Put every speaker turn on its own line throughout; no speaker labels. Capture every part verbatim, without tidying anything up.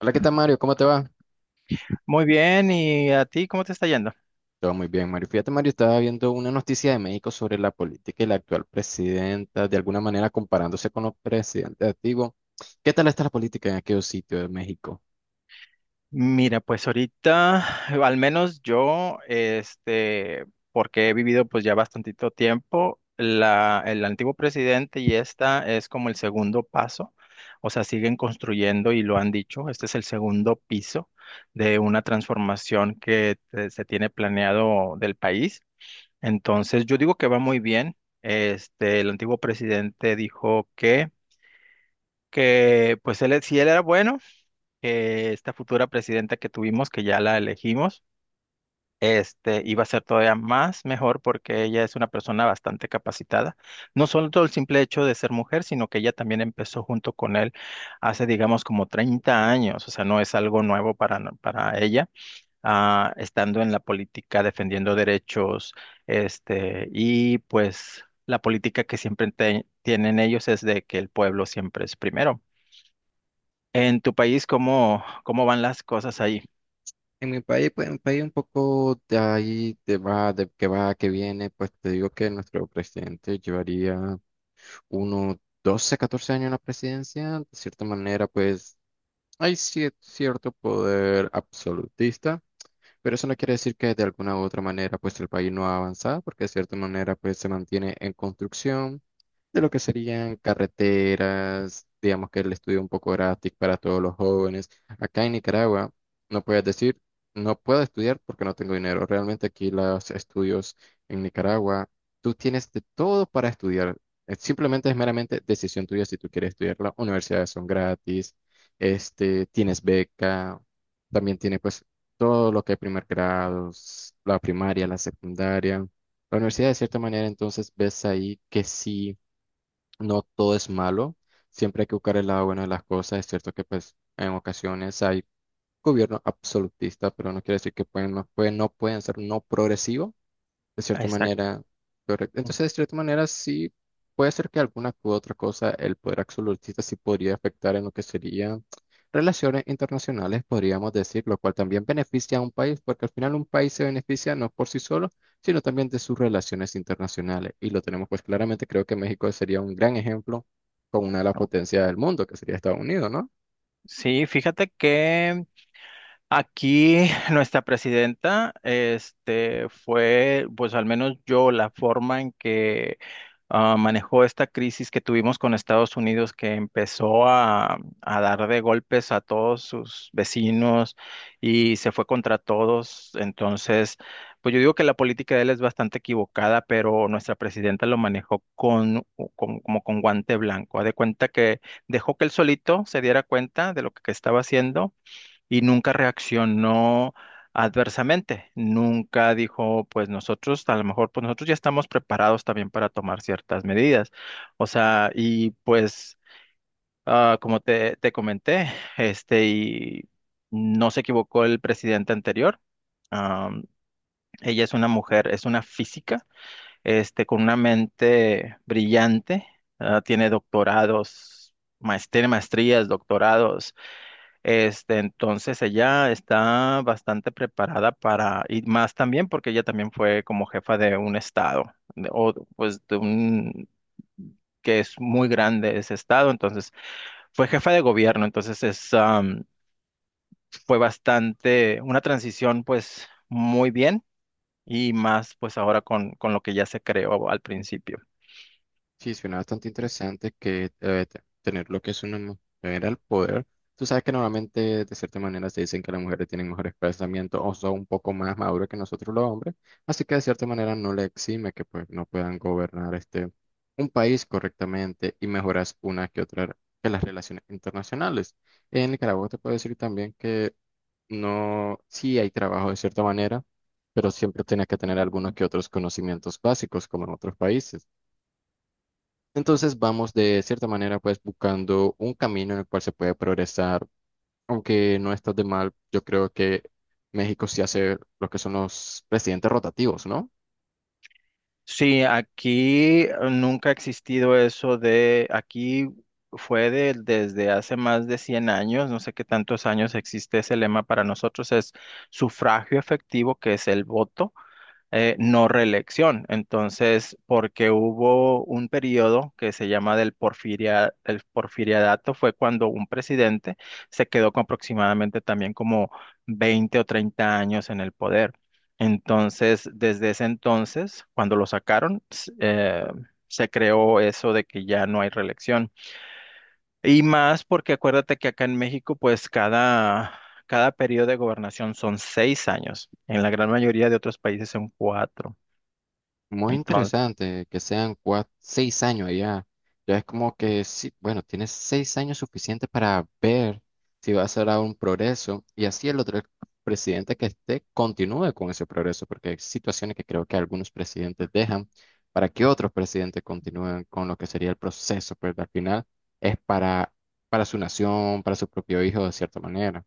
Hola, ¿qué tal, Mario? ¿Cómo te va?
Muy bien, ¿y a ti cómo te está yendo?
Todo muy bien, Mario. Fíjate, Mario, estaba viendo una noticia de México sobre la política y la actual presidenta, de alguna manera comparándose con los presidentes antiguos. ¿Qué tal está la política en aquellos sitios de México?
Mira, pues ahorita, eh, al menos yo, este, porque he vivido pues ya bastantito tiempo, la, el antiguo presidente y esta es como el segundo paso. O sea, siguen construyendo y lo han dicho, este es el segundo piso de una transformación que eh, se tiene planeado del país. Entonces, yo digo que va muy bien. Este, el antiguo presidente dijo que que pues él, si él era bueno, que esta futura presidenta que tuvimos, que ya la elegimos, este, iba a ser todavía más mejor porque ella es una persona bastante capacitada. No solo todo el simple hecho de ser mujer, sino que ella también empezó junto con él hace, digamos, como treinta años. O sea, no es algo nuevo para, no- para ella, ah, estando en la política, defendiendo derechos. Este, y pues la política que siempre te- tienen ellos es de que el pueblo siempre es primero. En tu país, ¿cómo, cómo van las cosas ahí?
En mi país, pues, un país un poco de ahí, de va, de que va, que viene. Pues te digo que nuestro presidente llevaría unos doce catorce años en la presidencia. De cierta manera, pues hay cier- cierto poder absolutista. Pero eso no quiere decir que de alguna u otra manera pues el país no ha avanzado, porque de cierta manera pues se mantiene en construcción de lo que serían carreteras, digamos que el estudio un poco gratis para todos los jóvenes. Acá en Nicaragua no puedes decir, no puedo estudiar porque no tengo dinero. Realmente aquí los estudios en Nicaragua, tú tienes de todo para estudiar. Eh, Simplemente es meramente decisión tuya si tú quieres estudiar. Las universidades son gratis, este, tienes beca. También tiene pues todo lo que hay primer grado, s- la primaria, la secundaria. La universidad, de cierta manera. Entonces ves ahí que sí, no todo es malo, siempre hay que buscar el lado bueno de las cosas. Es cierto que pues en ocasiones hay gobierno absolutista, pero no quiere decir que pueden, no pueden, no pueden ser no progresivos de cierta
Exacto.
manera, correcto. Entonces, de cierta manera, sí puede ser que alguna u otra cosa, el poder absolutista sí podría afectar en lo que serían relaciones internacionales, podríamos decir, lo cual también beneficia a un país, porque al final un país se beneficia no por sí solo, sino también de sus relaciones internacionales. Y lo tenemos pues claramente, creo que México sería un gran ejemplo con una de las potencias del mundo, que sería Estados Unidos, ¿no?
Sí, fíjate que aquí nuestra presidenta, este, fue, pues al menos yo, la forma en que ah, manejó esta crisis que tuvimos con Estados Unidos, que empezó a, a dar de golpes a todos sus vecinos y se fue contra todos. Entonces, pues yo digo que la política de él es bastante equivocada, pero nuestra presidenta lo manejó con, con- como con guante blanco. Haz de cuenta que dejó que él solito se diera cuenta de lo que estaba haciendo y nunca reaccionó adversamente. Nunca dijo, pues nosotros, a lo mejor, pues nosotros ya estamos preparados también para tomar ciertas medidas. O sea, y pues, ah, como te, te comenté, este, y no se equivocó el presidente anterior. Am, Ella es una mujer, es una física, este, con una mente brillante. Ah, tiene doctorados, maes- tiene maestrías, doctorados. Este, entonces ella está bastante preparada para, y más también porque ella también fue como jefa de un estado, de- o pues de un, que es muy grande ese estado. Entonces fue jefa de gobierno, entonces es, am, fue bastante, una transición pues muy bien, y más pues ahora con, con lo que ya se creó al principio.
Sí, suena bastante interesante que eh, te- tener lo que es una mujer al poder. Tú sabes que normalmente, de cierta manera, se dicen que las mujeres tienen mejores pensamientos o son un poco más maduros que nosotros los hombres, así que de cierta manera no le exime que pues no puedan gobernar este un país correctamente y mejoras una que otra que las relaciones internacionales. En Nicaragua te puedo decir también que no, sí hay trabajo de cierta manera, pero siempre tienes que tener algunos que otros conocimientos básicos como en otros países. Entonces vamos de cierta manera pues buscando un camino en el cual se puede progresar, aunque no está de mal. Yo creo que México sí hace lo que son los presidentes rotativos, ¿no?
Sí, aquí eh, nunca ha existido eso de, aquí fue de- desde hace más de cien años, no sé qué tantos años existe ese lema para nosotros, es sufragio efectivo, que es el voto. Eh, no reelección. Entonces, porque hubo un periodo que se llama del porfiria, el porfiriadato, fue cuando un presidente se quedó con aproximadamente también como veinte o treinta años en el poder. Entonces, desde ese entonces, cuando lo sacaron, s- eh, se creó eso de que ya no hay reelección. Y más porque acuérdate que acá en México, pues cada, cada periodo de gobernación son seis años. En la gran mayoría de otros países son cuatro.
Muy
Entonces,
interesante que sean cuat- seis años allá. Ya es como que, sí, bueno, tienes seis años suficientes para ver si va a ser un progreso y así el otro presidente que esté continúe con ese progreso, porque hay situaciones que creo que algunos presidentes dejan para que otros presidentes continúen con lo que sería el proceso, pero al final es para, para su nación, para su propio hijo, de cierta manera.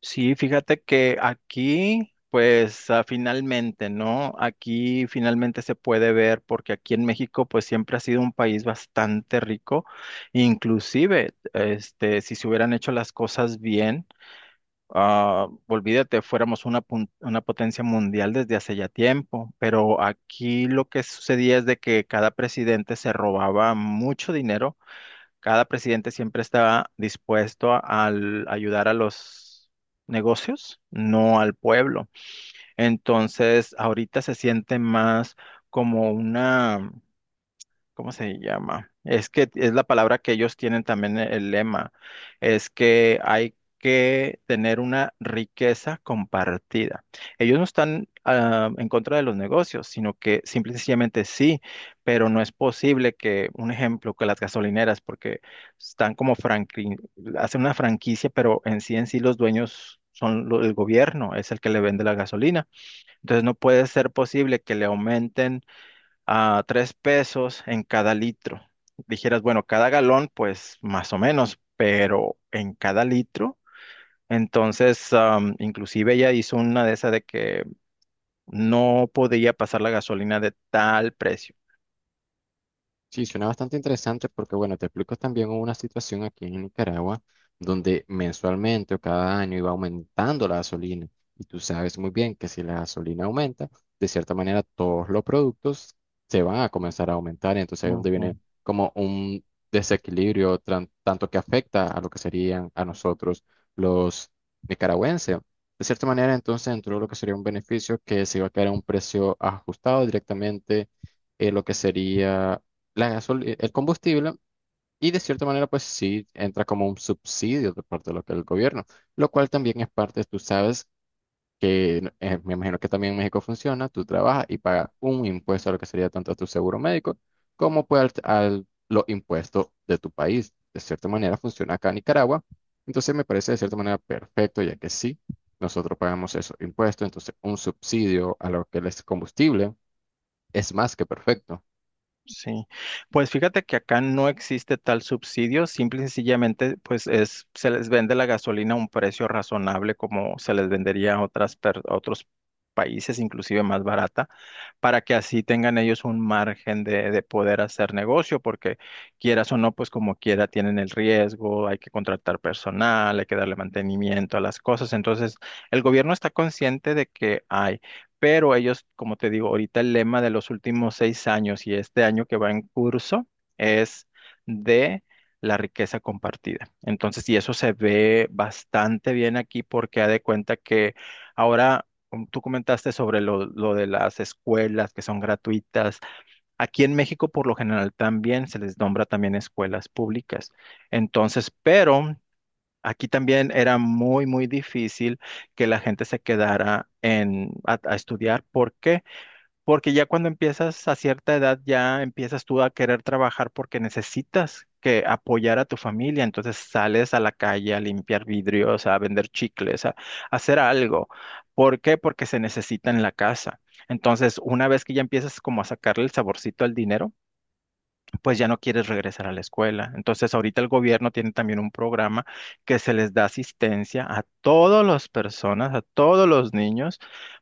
sí, fíjate que aquí, pues ah, finalmente, ¿no? Aquí finalmente se puede ver porque aquí en México, pues siempre ha sido un país bastante rico. Inclusive, este, si se hubieran hecho las cosas bien, ah, olvídate, fuéramos una, pun- una potencia mundial desde hace ya tiempo. Pero aquí lo que sucedía es de que cada presidente se robaba mucho dinero. Cada presidente siempre está dispuesto a, al ayudar a los negocios, no al pueblo. Entonces, ahorita se siente más como una ¿cómo se llama? Es que es la palabra que ellos tienen también e- el lema. Es que hay que tener una riqueza compartida. Ellos no están ah, en contra de los negocios, sino que simple y sencillamente sí, pero no es posible que, un ejemplo, que las gasolineras, porque están como franqui- hacen una franquicia, pero en sí en sí los dueños son lo- el gobierno, es el que le vende la gasolina. Entonces no puede ser posible que le aumenten a tres pesos en cada litro. Dijeras, bueno, cada galón, pues más o menos, pero en cada litro. Entonces, am, inclusive ella hizo una de esas de que no podía pasar la gasolina de tal precio.
Sí, suena bastante interesante porque, bueno, te explico, también hubo una situación aquí en Nicaragua donde mensualmente o cada año iba aumentando la gasolina. Y tú sabes muy bien que si la gasolina aumenta, de cierta manera todos los productos se van a comenzar a aumentar. Y entonces ahí es donde viene
Ujú.
como un desequilibrio tran- tanto que afecta a lo que serían a nosotros los nicaragüenses. De cierta manera, entonces entró lo que sería un beneficio que se iba a quedar a un precio ajustado directamente, eh, lo que sería la gasol- eh, el combustible, y de cierta manera pues sí entra como un subsidio de parte de lo que el gobierno, lo cual también es parte. Tú sabes que eh, me imagino que también en México funciona, tú trabajas y pagas un impuesto a lo que sería tanto a tu seguro médico como pues al, al- los impuestos de tu país. De cierta manera funciona acá en Nicaragua, entonces me parece de cierta manera perfecto, ya que sí, nosotros pagamos esos impuestos, entonces un subsidio a lo que es combustible es más que perfecto.
Sí, pues fíjate que acá no existe tal subsidio, simple y sencillamente, pues es, se les vende la gasolina a un precio razonable como se les vendería a otras per- a otros países, inclusive más barata, para que así tengan ellos un margen de, de poder hacer negocio, porque quieras o no, pues como quiera tienen el riesgo, hay que contratar personal, hay que darle mantenimiento a las cosas. Entonces, el gobierno está consciente de que hay. Pero ellos, como te digo, ahorita el lema de los últimos seis años y este año que va en curso es de la riqueza compartida. Entonces, y eso se ve bastante bien aquí porque ha de cuenta que ahora com- tú comentaste sobre lo, lo de las escuelas que son gratuitas. Aquí en México, por lo general, también se les nombra también escuelas públicas. Entonces, pero aquí también era muy, muy difícil que la gente se quedara en, a, a estudiar. ¿Por qué? Porque ya cuando empiezas a cierta edad, ya empiezas tú a querer trabajar porque necesitas que apoyar a tu familia. Entonces sales a la calle a limpiar vidrios, a vender chicles, a, a hacer algo. ¿Por qué? Porque se necesita en la casa. Entonces, una vez que ya empiezas como a sacarle el saborcito al dinero, pues ya no quieres regresar a la escuela. Entonces, ahorita el gobierno tiene también un programa que se les da asistencia a todas las personas, a todos los niños,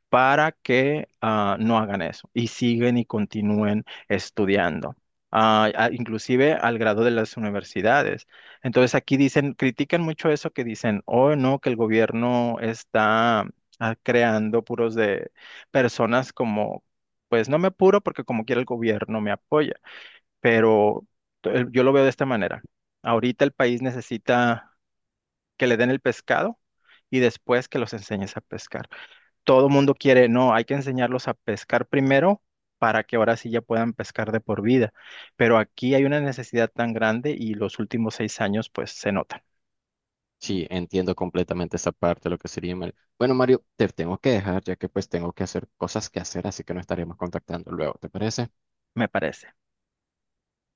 para que ah, no hagan eso y siguen y continúen estudiando. Ah, a- inclusive al grado de las universidades. Entonces aquí dicen, critican mucho eso que dicen, oh no, que el gobierno está ah, creando puros de personas como, pues no me apuro porque como quiera el gobierno me apoya, pero el- yo lo veo de esta manera. Ahorita el país necesita que le den el pescado y después que los enseñes a pescar. Todo mundo quiere, no, hay que enseñarlos a pescar primero para que ahora sí ya puedan pescar de por vida. Pero aquí hay una necesidad tan grande y los últimos seis años pues se notan,
Sí, entiendo completamente esa parte, de lo que sería Mario. Bueno, Mario, te tengo que dejar ya que pues tengo que hacer cosas que hacer, así que nos estaremos contactando luego, ¿te parece?
me parece.